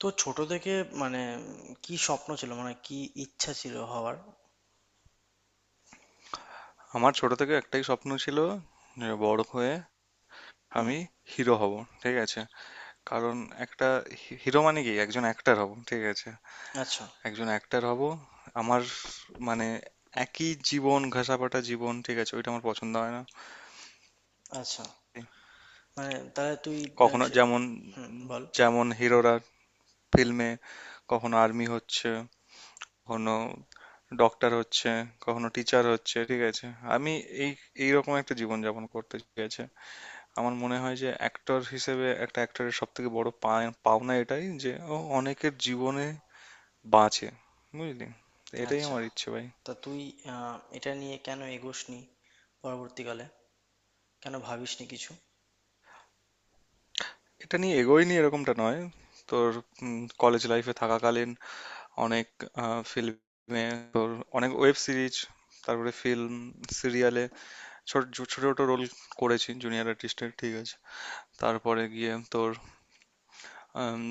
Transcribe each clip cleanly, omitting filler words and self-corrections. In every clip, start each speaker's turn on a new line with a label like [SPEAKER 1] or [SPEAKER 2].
[SPEAKER 1] তো ছোট থেকে মানে কি স্বপ্ন ছিল, মানে কি ইচ্ছা ছিল হওয়ার?
[SPEAKER 2] আমার ছোট থেকে একটাই স্বপ্ন ছিল যে বড় হয়ে
[SPEAKER 1] হুম।
[SPEAKER 2] আমি হিরো হব। ঠিক আছে? কারণ একটা হিরো মানে কি? একজন অ্যাক্টার হব, ঠিক আছে?
[SPEAKER 1] আচ্ছা,
[SPEAKER 2] একজন অ্যাক্টার হব। আমার মানে একই জীবন ঘেঁষাপাটা জীবন, ঠিক আছে, ওইটা আমার পছন্দ হয় না।
[SPEAKER 1] আচ্ছা, মানে তাহলে তুই... আহ,
[SPEAKER 2] কখনো
[SPEAKER 1] সে-
[SPEAKER 2] যেমন,
[SPEAKER 1] হুম, বল।
[SPEAKER 2] যেমন হিরোরা ফিল্মে কখনো আর্মি হচ্ছে, কখনো ডক্টর হচ্ছে, কখনো টিচার হচ্ছে, ঠিক আছে? আমি এই এইরকম একটা জীবন যাপন করতে, ঠিক আছে। আমার মনে হয় যে অ্যাক্টর হিসেবে একটা অ্যাক্টরের সব থেকে বড় পাওনা এটাই যে ও অনেকের জীবনে বাঁচে, বুঝলি? তো এটাই
[SPEAKER 1] আচ্ছা,
[SPEAKER 2] আমার ইচ্ছে, ভাই।
[SPEAKER 1] তা তুই এটা নিয়ে কেন এগোসনি পরবর্তীকালে? কেন ভাবিসনি কিছু?
[SPEAKER 2] এটা নিয়ে এগোয়নি এরকমটা নয়। তোর কলেজ লাইফে থাকাকালীন অনেক ফিল্মে, তোর অনেক ওয়েব সিরিজ, তারপরে ফিল্ম, সিরিয়ালে ছোট ছোট ছোট রোল করেছি জুনিয়র আর্টিস্টের, ঠিক আছে? তারপরে গিয়ে তোর আম,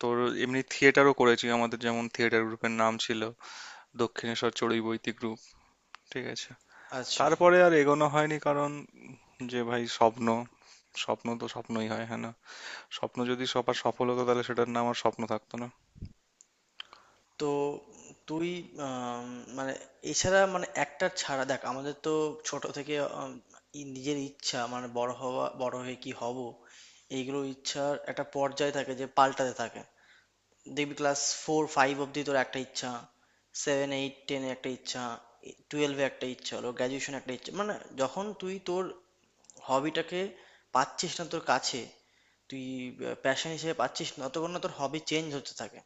[SPEAKER 2] তোর এমনি থিয়েটারও করেছি। আমাদের যেমন থিয়েটার গ্রুপের নাম ছিল দক্ষিণেশ্বর চড়ুই বৈদিক গ্রুপ, ঠিক আছে?
[SPEAKER 1] আচ্ছা,
[SPEAKER 2] তারপরে আর এগোনো হয়নি। কারণ যে ভাই, স্বপ্ন স্বপ্ন তো স্বপ্নই হয়, হ্যাঁ না? স্বপ্ন যদি সবার সফল হতো তাহলে সেটার নাম আর স্বপ্ন থাকতো না।
[SPEAKER 1] তো তুই আম, মানে এছাড়া, মানে একটা ছাড়া দেখ, আমাদের তো ছোট থেকে আম, নিজের ইচ্ছা, মানে বড় হওয়া, বড় হয়ে কি হব, এইগুলো ইচ্ছার একটা পর্যায় থাকে যে পাল্টাতে থাকে। দেখবি ক্লাস ফোর ফাইভ অবধি তোর একটা ইচ্ছা, সেভেন এইট টেনে একটা ইচ্ছা, টুয়েলভে একটা ইচ্ছা, হলো গ্র্যাজুয়েশন একটা ইচ্ছা, মানে যখন তুই তোর হবিটাকে পাচ্ছিস না, তোর কাছে তুই প্যাশন হিসেবে পাচ্ছিস না, ততক্ষণ না তোর হবি চেঞ্জ হতে থাকে।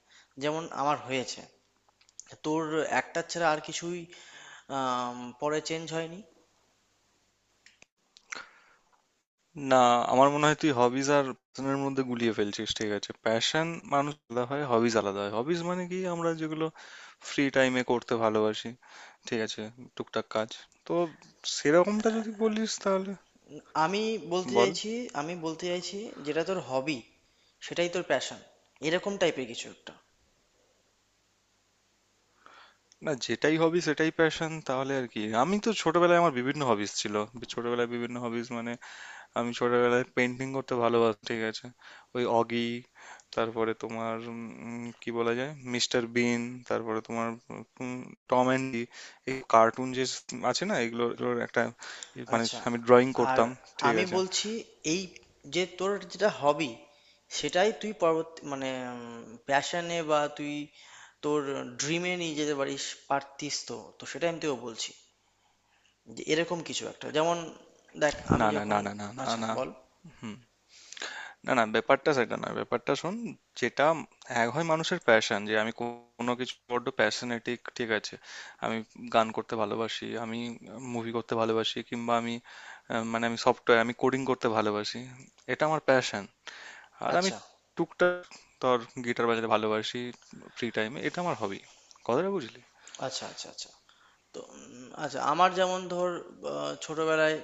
[SPEAKER 1] যেমন আমার হয়েছে। তোর একটা ছাড়া আর কিছুই পরে চেঞ্জ হয়নি।
[SPEAKER 2] না, আমার মনে হয় তুই হবিজ আর প্যাশনের মধ্যে গুলিয়ে ফেলছিস, ঠিক আছে? প্যাশন মানুষ আলাদা হয়, হবিজ আলাদা হয়। হবিজ মানে কি আমরা যেগুলো ফ্রি টাইমে করতে ভালোবাসি, ঠিক আছে, টুকটাক কাজ। তো সেরকমটা যদি বলিস তাহলে
[SPEAKER 1] আমি বলতে
[SPEAKER 2] বল।
[SPEAKER 1] চাইছি, আমি বলতে চাইছি যেটা তোর হবি সেটাই তোর প্যাশন, এরকম টাইপের কিছু একটা।
[SPEAKER 2] না, যেটাই হবি সেটাই প্যাশন তাহলে আর কি, আমি তো ছোটবেলায় আমার বিভিন্ন হবিস ছিল। ছোটবেলায় বিভিন্ন হবিস মানে আমি ছোটবেলায় পেন্টিং করতে ভালোবাসি, ঠিক আছে? ওই অগি, তারপরে তোমার কি বলা যায়, মিস্টার বিন, তারপরে তোমার উম, টম অ্যান্ড জেরি, এই কার্টুন যে আছে না, এগুলোর এগুলোর একটা মানে
[SPEAKER 1] আচ্ছা,
[SPEAKER 2] আমি ড্রয়িং
[SPEAKER 1] আর
[SPEAKER 2] করতাম, ঠিক
[SPEAKER 1] আমি
[SPEAKER 2] আছে?
[SPEAKER 1] বলছি এই যে তোর যেটা হবি সেটাই তুই পরবর্তী, মানে প্যাশনে বা তুই তোর ড্রিমে নিয়ে যেতে পারিস, পারতিস। তো তো সেটাই আমি তোকে বলছি যে এরকম কিছু একটা, যেমন দেখ
[SPEAKER 2] না
[SPEAKER 1] আমি
[SPEAKER 2] না না
[SPEAKER 1] যখন...
[SPEAKER 2] না না না
[SPEAKER 1] আচ্ছা,
[SPEAKER 2] না।
[SPEAKER 1] বল।
[SPEAKER 2] হুম। না না, ব্যাপারটা সেটা না, ব্যাপারটা শোন। যেটা এক হয় মানুষের প্যাশন, যে আমি কোনো কিছু বড্ড প্যাশনেটিক, ঠিক আছে? আমি গান করতে ভালোবাসি, আমি মুভি করতে ভালোবাসি, কিংবা আমি মানে আমি সফটওয়্যার, আমি কোডিং করতে ভালোবাসি, এটা আমার প্যাশন। আর আমি
[SPEAKER 1] আচ্ছা,
[SPEAKER 2] টুকটাক ধর গিটার বাজাতে ভালোবাসি ফ্রি টাইমে, এটা আমার হবি। কথাটা বুঝলি?
[SPEAKER 1] আচ্ছা, আচ্ছা। আচ্ছা, তো আচ্ছা, আমার যেমন ধর ছোটবেলায়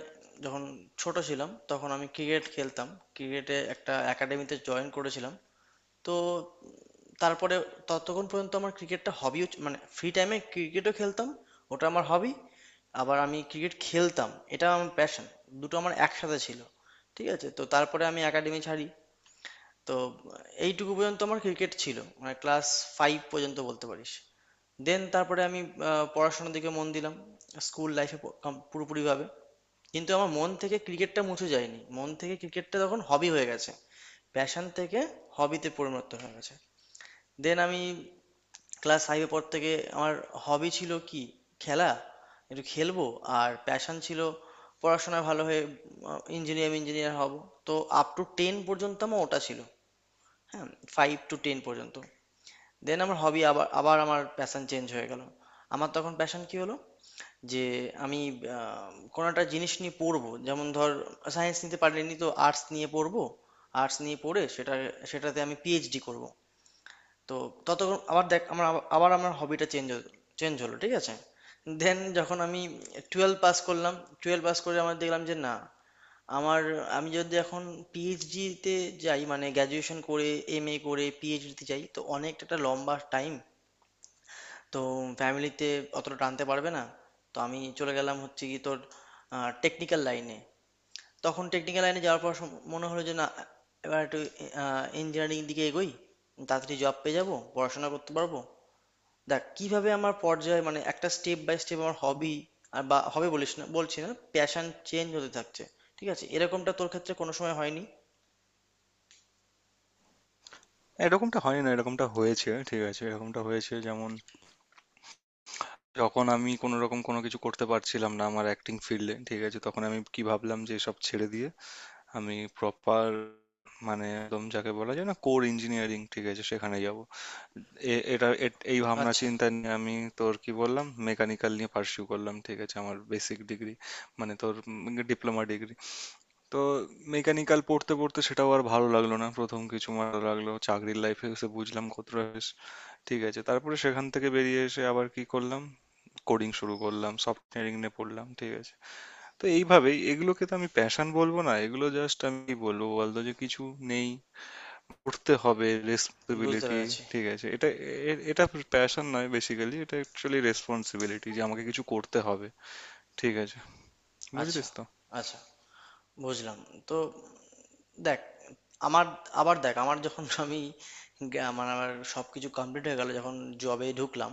[SPEAKER 1] যখন ছোট ছিলাম তখন আমি ক্রিকেট খেলতাম। ক্রিকেটে একটা একাডেমিতে জয়েন করেছিলাম। তো তারপরে ততক্ষণ পর্যন্ত আমার ক্রিকেটটা হবিও, মানে ফ্রি টাইমে ক্রিকেটও খেলতাম, ওটা আমার হবি, আবার আমি ক্রিকেট খেলতাম, এটা আমার প্যাশন, দুটো আমার একসাথে ছিল। ঠিক আছে, তো তারপরে আমি একাডেমি ছাড়ি। তো এইটুকু পর্যন্ত আমার ক্রিকেট ছিল, মানে ক্লাস ফাইভ পর্যন্ত বলতে পারিস। দেন তারপরে আমি পড়াশোনার দিকে মন দিলাম, স্কুল লাইফে পুরোপুরিভাবে। কিন্তু আমার মন থেকে ক্রিকেটটা মুছে যায়নি, মন থেকে ক্রিকেটটা তখন হবি হয়ে গেছে, প্যাশন থেকে হবিতে পরিণত হয়ে গেছে। দেন আমি ক্লাস ফাইভে পর থেকে আমার হবি ছিল কি, খেলা, একটু খেলবো। আর প্যাশন ছিল পড়াশোনায় ভালো হয়ে ইঞ্জিনিয়ার ইঞ্জিনিয়ার হব। তো আপ টু টেন পর্যন্ত আমার ওটা ছিল, হ্যাঁ, ফাইভ টু টেন পর্যন্ত। দেন আমার হবি আবার, আবার আমার প্যাশন চেঞ্জ হয়ে গেল। আমার তখন প্যাশন কি হলো যে আমি কোনো একটা জিনিস নিয়ে পড়বো, যেমন ধর সায়েন্স নিতে পারিনি তো আর্টস নিয়ে পড়বো, আর্টস নিয়ে পড়ে সেটা, সেটাতে আমি পিএইচডি করব। তো ততক্ষণ আবার দেখ আমার আবার, আবার আমার হবিটা চেঞ্জ চেঞ্জ হলো। ঠিক আছে, দেন যখন আমি টুয়েলভ পাস করলাম, টুয়েলভ পাস করে আমার দেখলাম যে না, আমার, আমি যদি এখন পিএইচডিতে যাই মানে গ্র্যাজুয়েশন করে এমএ করে পিএইচডিতে যাই, তো অনেকটা একটা লম্বা টাইম। তো ফ্যামিলিতে অতটা টানতে পারবে না। তো আমি চলে গেলাম, হচ্ছে কি তোর টেকনিক্যাল লাইনে। তখন টেকনিক্যাল লাইনে যাওয়ার পর মনে হলো যে না, এবার একটু ইঞ্জিনিয়ারিং দিকে এগোই, তাড়াতাড়ি জব পেয়ে যাবো, পড়াশোনা করতে পারবো। দেখ কিভাবে আমার পর্যায়ে, মানে একটা স্টেপ বাই স্টেপ আমার হবি আর, বা হবে বলিস না, বলছি না, প্যাশন চেঞ্জ হতে থাকছে। ঠিক আছে, এরকমটা তোর ক্ষেত্রে কোনো সময় হয়নি?
[SPEAKER 2] এরকমটা হয় না, এরকমটা হয়েছে, ঠিক আছে? এরকমটা হয়েছে যেমন, যখন আমি কোনো রকম কোনো কিছু করতে পারছিলাম না আমার অ্যাক্টিং ফিল্ডে, ঠিক আছে, তখন আমি কি ভাবলাম যে সব ছেড়ে দিয়ে আমি প্রপার মানে একদম যাকে বলা যায় না কোর ইঞ্জিনিয়ারিং, ঠিক আছে, সেখানে যাব। এটা এই ভাবনা
[SPEAKER 1] আচ্ছা,
[SPEAKER 2] চিন্তা নিয়ে আমি তোর কি বললাম মেকানিক্যাল নিয়ে পার্সিউ করলাম, ঠিক আছে? আমার বেসিক ডিগ্রি মানে তোর ডিপ্লোমা ডিগ্রি। তো মেকানিক্যাল পড়তে পড়তে সেটাও আর ভালো লাগলো না। প্রথম কিছু ভালো লাগলো, চাকরির লাইফে এসে বুঝলাম কতটা বেশ, ঠিক আছে? তারপরে সেখান থেকে বেরিয়ে এসে আবার কি করলাম, কোডিং শুরু করলাম, সফটওয়্যার নিয়ে পড়লাম, ঠিক আছে? তো এইভাবেই এগুলোকে তো আমি প্যাশন বলবো না, এগুলো জাস্ট আমি কি বলবো বলতো, যে কিছু নেই, করতে হবে,
[SPEAKER 1] বুঝতে
[SPEAKER 2] রেসপন্সিবিলিটি।
[SPEAKER 1] পেরেছি।
[SPEAKER 2] ঠিক আছে, এটা এটা প্যাশন নয়, বেসিক্যালি এটা অ্যাকচুয়ালি রেসপন্সিবিলিটি, যে আমাকে কিছু করতে হবে, ঠিক আছে?
[SPEAKER 1] আচ্ছা,
[SPEAKER 2] বুঝলিস তো?
[SPEAKER 1] আচ্ছা, বুঝলাম। তো দেখ আমার, আবার দেখ আমার যখন আমি গ্যা- আমার আমার সবকিছু কমপ্লিট হয়ে গেল যখন জবে ঢুকলাম,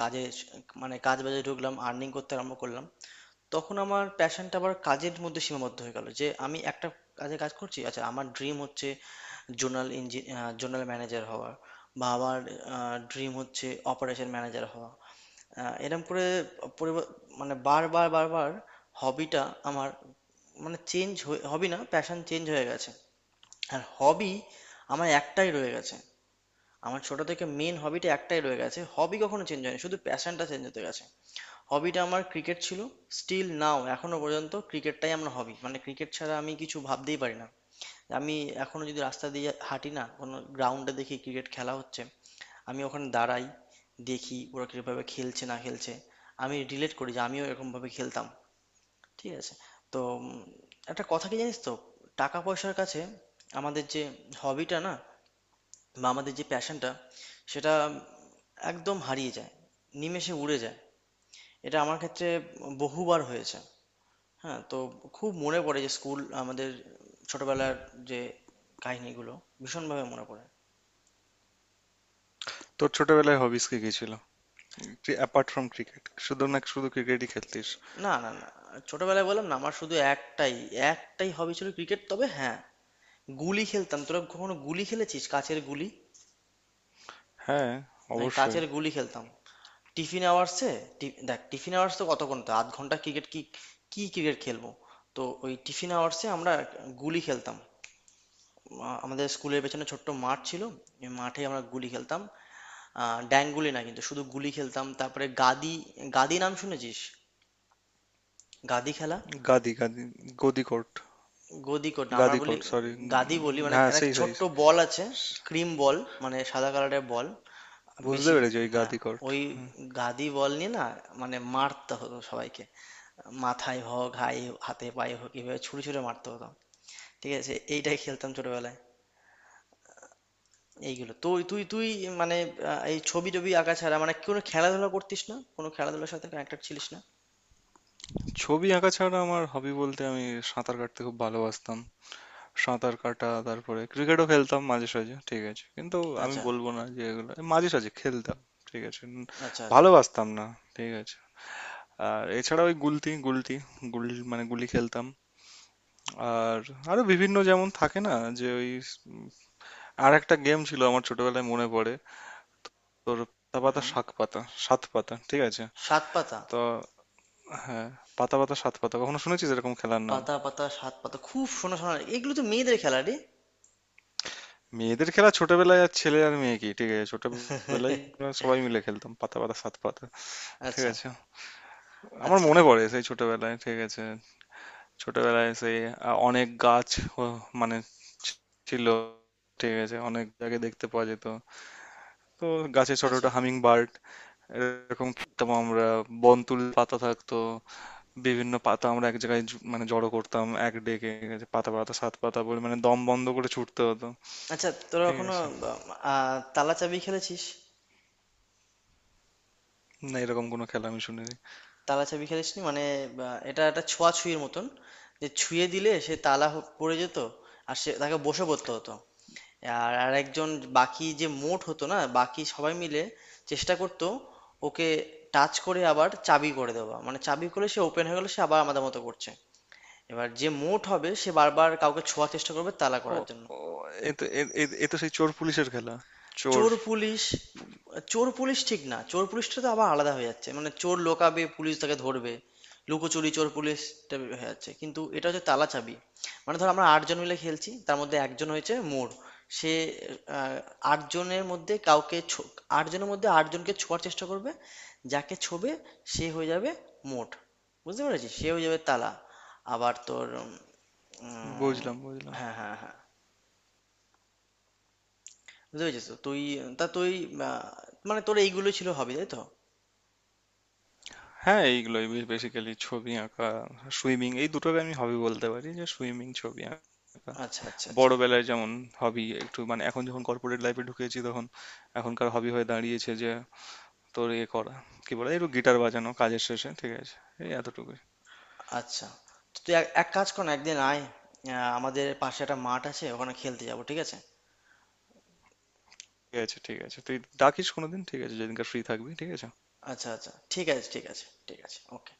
[SPEAKER 1] কাজে স- মানে কাজ বাজে ঢুকলাম, আর্নিং করতে আরম্ভ করলাম, তখন আমার প্যাশনটা আবার কাজের মধ্যে সীমাবদ্ধ হয়ে গেল, যে আমি একটা কাজে কাজ করছি। আচ্ছা, আমার ড্রিম হচ্ছে জোনাল ইঞ্জিন জোনাল ম্যানেজার হওয়ার, বা আমার ড্রিম হচ্ছে অপারেশন ম্যানেজার হওয়া, এরম করে পরিব- মানে বারবার বারবার হবিটা আমার, মানে চেঞ্জ হয়ে, হবি না, প্যাশন চেঞ্জ হয়ে গেছে। আর হবি আমার একটাই রয়ে গেছে। আমার ছোট থেকে মেন হবিটা একটাই রয়ে গেছে, হবি কখনো চেঞ্জ হয়নি, শুধু প্যাশনটা চেঞ্জ হতে গেছে। হবিটা আমার ক্রিকেট ছিল, স্টিল নাও এখনো পর্যন্ত ক্রিকেটটাই আমার হবি, মানে ক্রিকেট ছাড়া আমি কিছু ভাবতেই পারি না। আমি এখনো যদি রাস্তা দিয়ে হাঁটি না, কোনো গ্রাউন্ডে দেখি ক্রিকেট খেলা হচ্ছে, আমি ওখানে দাঁড়াই, দেখি ওরা কিভাবে খেলছে না খেলছে, আমি রিলেট করি যে আমিও এরকম ভাবে খেলতাম। ঠিক আছে, তো একটা কথা কি জানিস তো, টাকা পয়সার কাছে আমাদের যে হবিটা না, বা আমাদের যে প্যাশনটা, সেটা একদম হারিয়ে যায়, নিমেষে উড়ে যায়। এটা আমার ক্ষেত্রে বহুবার হয়েছে। হ্যাঁ, তো খুব মনে পড়ে যে স্কুল আমাদের ছোটবেলার যে কাহিনীগুলো ভীষণভাবে মনে পড়ে।
[SPEAKER 2] তোর ছোটবেলায় হবিস কি কি ছিল, যে অ্যাপার্ট ফ্রম ক্রিকেট, শুধু না, শুধু ক্রিকেটই খেলতিস?
[SPEAKER 1] না, না, না, ছোটবেলায় বললাম না, আমার শুধু একটাই, একটাই হবি ছিল, ক্রিকেট। তবে হ্যাঁ, গুলি খেলতাম। তোরা কখনো গুলি খেলেছিস, কাচের গুলি?
[SPEAKER 2] হ্যাঁ,
[SPEAKER 1] আমি
[SPEAKER 2] অবশ্যই।
[SPEAKER 1] কাচের গুলি খেলতাম টিফিন আওয়ার্সে। দেখ টিফিন আওয়ার্স তো কতক্ষণ, তো আধ ঘন্টা, ক্রিকেট কি, কি ক্রিকেট খেলবো? তো ওই টিফিন আওয়ার্সে আমরা গুলি খেলতাম। আমাদের স্কুলের পেছনে ছোট্ট মাঠ ছিল, ওই মাঠে আমরা গুলি খেলতাম। আহ, ড্যাং গুলি না কিন্তু, শুধু গুলি খেলতাম। তারপরে গাদি, গাদি নাম শুনেছিস? গাদি খেলা।
[SPEAKER 2] গাদি গাদি, গদি কোর্ট।
[SPEAKER 1] গদি কোড না, আমরা
[SPEAKER 2] গাদি
[SPEAKER 1] বলি
[SPEAKER 2] কোর্ট, সরি।
[SPEAKER 1] গাদি, বলি মানে
[SPEAKER 2] হ্যাঁ,
[SPEAKER 1] একটা
[SPEAKER 2] সেই সাইজ।
[SPEAKER 1] ছোট্ট বল আছে, ক্রিম বল, মানে সাদা কালারের বল,
[SPEAKER 2] বুঝতে
[SPEAKER 1] বেশি,
[SPEAKER 2] পেরেছি, ওই
[SPEAKER 1] হ্যাঁ,
[SPEAKER 2] গাদি কোর্ট।
[SPEAKER 1] ওই গাদি বল নিয়ে না, মানে মারতে হতো সবাইকে, মাথায় হোক, হাই, হাতে পায়ে হোক, এভাবে ছুড়ে ছুড়ে মারতে হতো। ঠিক আছে, এইটাই খেলতাম ছোটবেলায়। এইগুলো তুই, তুই মানে এই ছবি টবি আঁকা ছাড়া মানে কোনো খেলাধুলা করতিস না, কোনো খেলাধুলার সাথে কানেক্টেড ছিলিস না?
[SPEAKER 2] ছবি আঁকা ছাড়া আমার হবি বলতে আমি সাঁতার কাটতে খুব ভালোবাসতাম। সাঁতার কাটা, তারপরে ক্রিকেটও খেলতাম মাঝে সাঝে, ঠিক আছে? কিন্তু আমি
[SPEAKER 1] আচ্ছা,
[SPEAKER 2] বলবো না যে এগুলো মাঝে সাঝে খেলতাম, ঠিক আছে।
[SPEAKER 1] আচ্ছা, আচ্ছা।
[SPEAKER 2] ভালোবাসতাম না, ঠিক আছে। আর এছাড়া ওই গুলতি গুলতি গুল মানে গুলি খেলতাম। আর আরো বিভিন্ন যেমন থাকে না, যে ওই আর একটা গেম ছিল আমার ছোটবেলায় মনে পড়ে তোর, পাতা পাতা শাক পাতা, সাত পাতা, ঠিক আছে?
[SPEAKER 1] সাত পাতা।
[SPEAKER 2] তো হ্যাঁ, পাতা পাতা সাত পাতা কখনো শুনেছিস এরকম খেলার নাম?
[SPEAKER 1] পাতা পাতা সাত পাতা খুব শোনা শোনা, এগুলো তো মেয়েদের খেলা রে।
[SPEAKER 2] মেয়েদের খেলা, ছোটবেলায় আর ছেলে আর মেয়ে কি, ঠিক আছে? ছোটবেলায় আমরা সবাই মিলে খেলতাম পাতা পাতা সাত পাতা, ঠিক
[SPEAKER 1] আচ্ছা,
[SPEAKER 2] আছে? আমার
[SPEAKER 1] আচ্ছা,
[SPEAKER 2] মনে পড়ে সেই ছোটবেলায়, ঠিক আছে। ছোটবেলায় সেই অনেক গাছ মানে ছিল, ঠিক আছে, অনেক জায়গায় দেখতে পাওয়া যেত। তো গাছে ছোট ছোট
[SPEAKER 1] আচ্ছা,
[SPEAKER 2] হামিং বার্ড, এরকম খেতাম আমরা। বনতুল পাতা থাকতো, বিভিন্ন পাতা আমরা এক জায়গায় মানে জড়ো করতাম এক ডেকে, ঠিক আছে? পাতা পাতা সাত পাতা বলে, মানে দম বন্ধ করে ছুটতে হতো,
[SPEAKER 1] আচ্ছা, তোরা
[SPEAKER 2] ঠিক
[SPEAKER 1] কখনো
[SPEAKER 2] আছে।
[SPEAKER 1] তালা চাবি খেলেছিস?
[SPEAKER 2] না, এরকম কোনো খেলা আমি শুনিনি।
[SPEAKER 1] তালা চাবি খেলেছিস মানে এটা একটা ছোঁয়াছুঁয়ির মতন, যে ছুঁয়ে দিলে সে তালা পড়ে যেত, আর সে, তাকে বসে পড়তে হতো। আর আর একজন বাকি, যে মোট হতো না, বাকি সবাই মিলে চেষ্টা করতো ওকে টাচ করে আবার চাবি করে দেওয়া, মানে চাবি করে সে ওপেন হয়ে গেলে সে আবার আমাদের মতো করছে। এবার যে মোট হবে সে বারবার কাউকে ছোঁয়ার চেষ্টা করবে তালা
[SPEAKER 2] ও,
[SPEAKER 1] করার জন্য।
[SPEAKER 2] ও, এ তো এ এ- এ তো সেই চোর পুলিশের খেলা, চোর।
[SPEAKER 1] চোর পুলিশ, চোর পুলিশ ঠিক না, চোর পুলিশটা তো আবার আলাদা হয়ে যাচ্ছে, মানে চোর লোকাবে পুলিশ তাকে ধরবে, লুকোচুরি চোর পুলিশটা হয়ে যাচ্ছে, কিন্তু এটা হচ্ছে তালা চাবি। মানে ধর আমরা আটজন মিলে খেলছি, তার মধ্যে একজন হয়েছে মোর, সে আহ, আটজনের মধ্যে কাউকে ছো- আটজনের মধ্যে আটজনকে ছোঁয়ার চেষ্টা করবে। যাকে ছোবে সে হয়ে যাবে মোট, বুঝতে পেরেছিস, সে হয়ে যাবে তালা। আবার তোর উম, উম,
[SPEAKER 2] বুঝলাম বুঝলাম।
[SPEAKER 1] হ্যাঁ, হ্যাঁ, হ্যাঁ, বুঝতে পেরেছিস তো তুই? তা তুই আহ, মানে তোর এইগুলো ছিল হবি, তাই তো?
[SPEAKER 2] হ্যাঁ, এইগুলোই বেসিক্যালি ছবি আঁকা, সুইমিং, এই দুটোকে আমি হবি বলতে পারি, যে সুইমিং, ছবি আঁকা।
[SPEAKER 1] আচ্ছা, আচ্ছা, আচ্ছা।
[SPEAKER 2] বড়বেলায় যেমন হবি একটু মানে এখন যখন কর্পোরেট লাইফে ঢুকেছি তখন এখনকার হবি হয়ে দাঁড়িয়েছে যে তোর ইয়ে করা, কি বলে, একটু গিটার বাজানো কাজের শেষে, ঠিক আছে, এই এতটুকুই।
[SPEAKER 1] আচ্ছা, তো তুই এক এক কাজ কর না, একদিন আয়, আমাদের পাশে একটা মাঠ আছে, ওখানে খেলতে যাবো, ঠিক আছে?
[SPEAKER 2] ঠিক আছে ঠিক আছে, তুই ডাকিস কোনোদিন, ঠিক আছে, যেদিনকার ফ্রি থাকবি, ঠিক আছে।
[SPEAKER 1] আচ্ছা, আচ্ছা, ঠিক আছে, ঠিক আছে, ঠিক আছে, ওকে।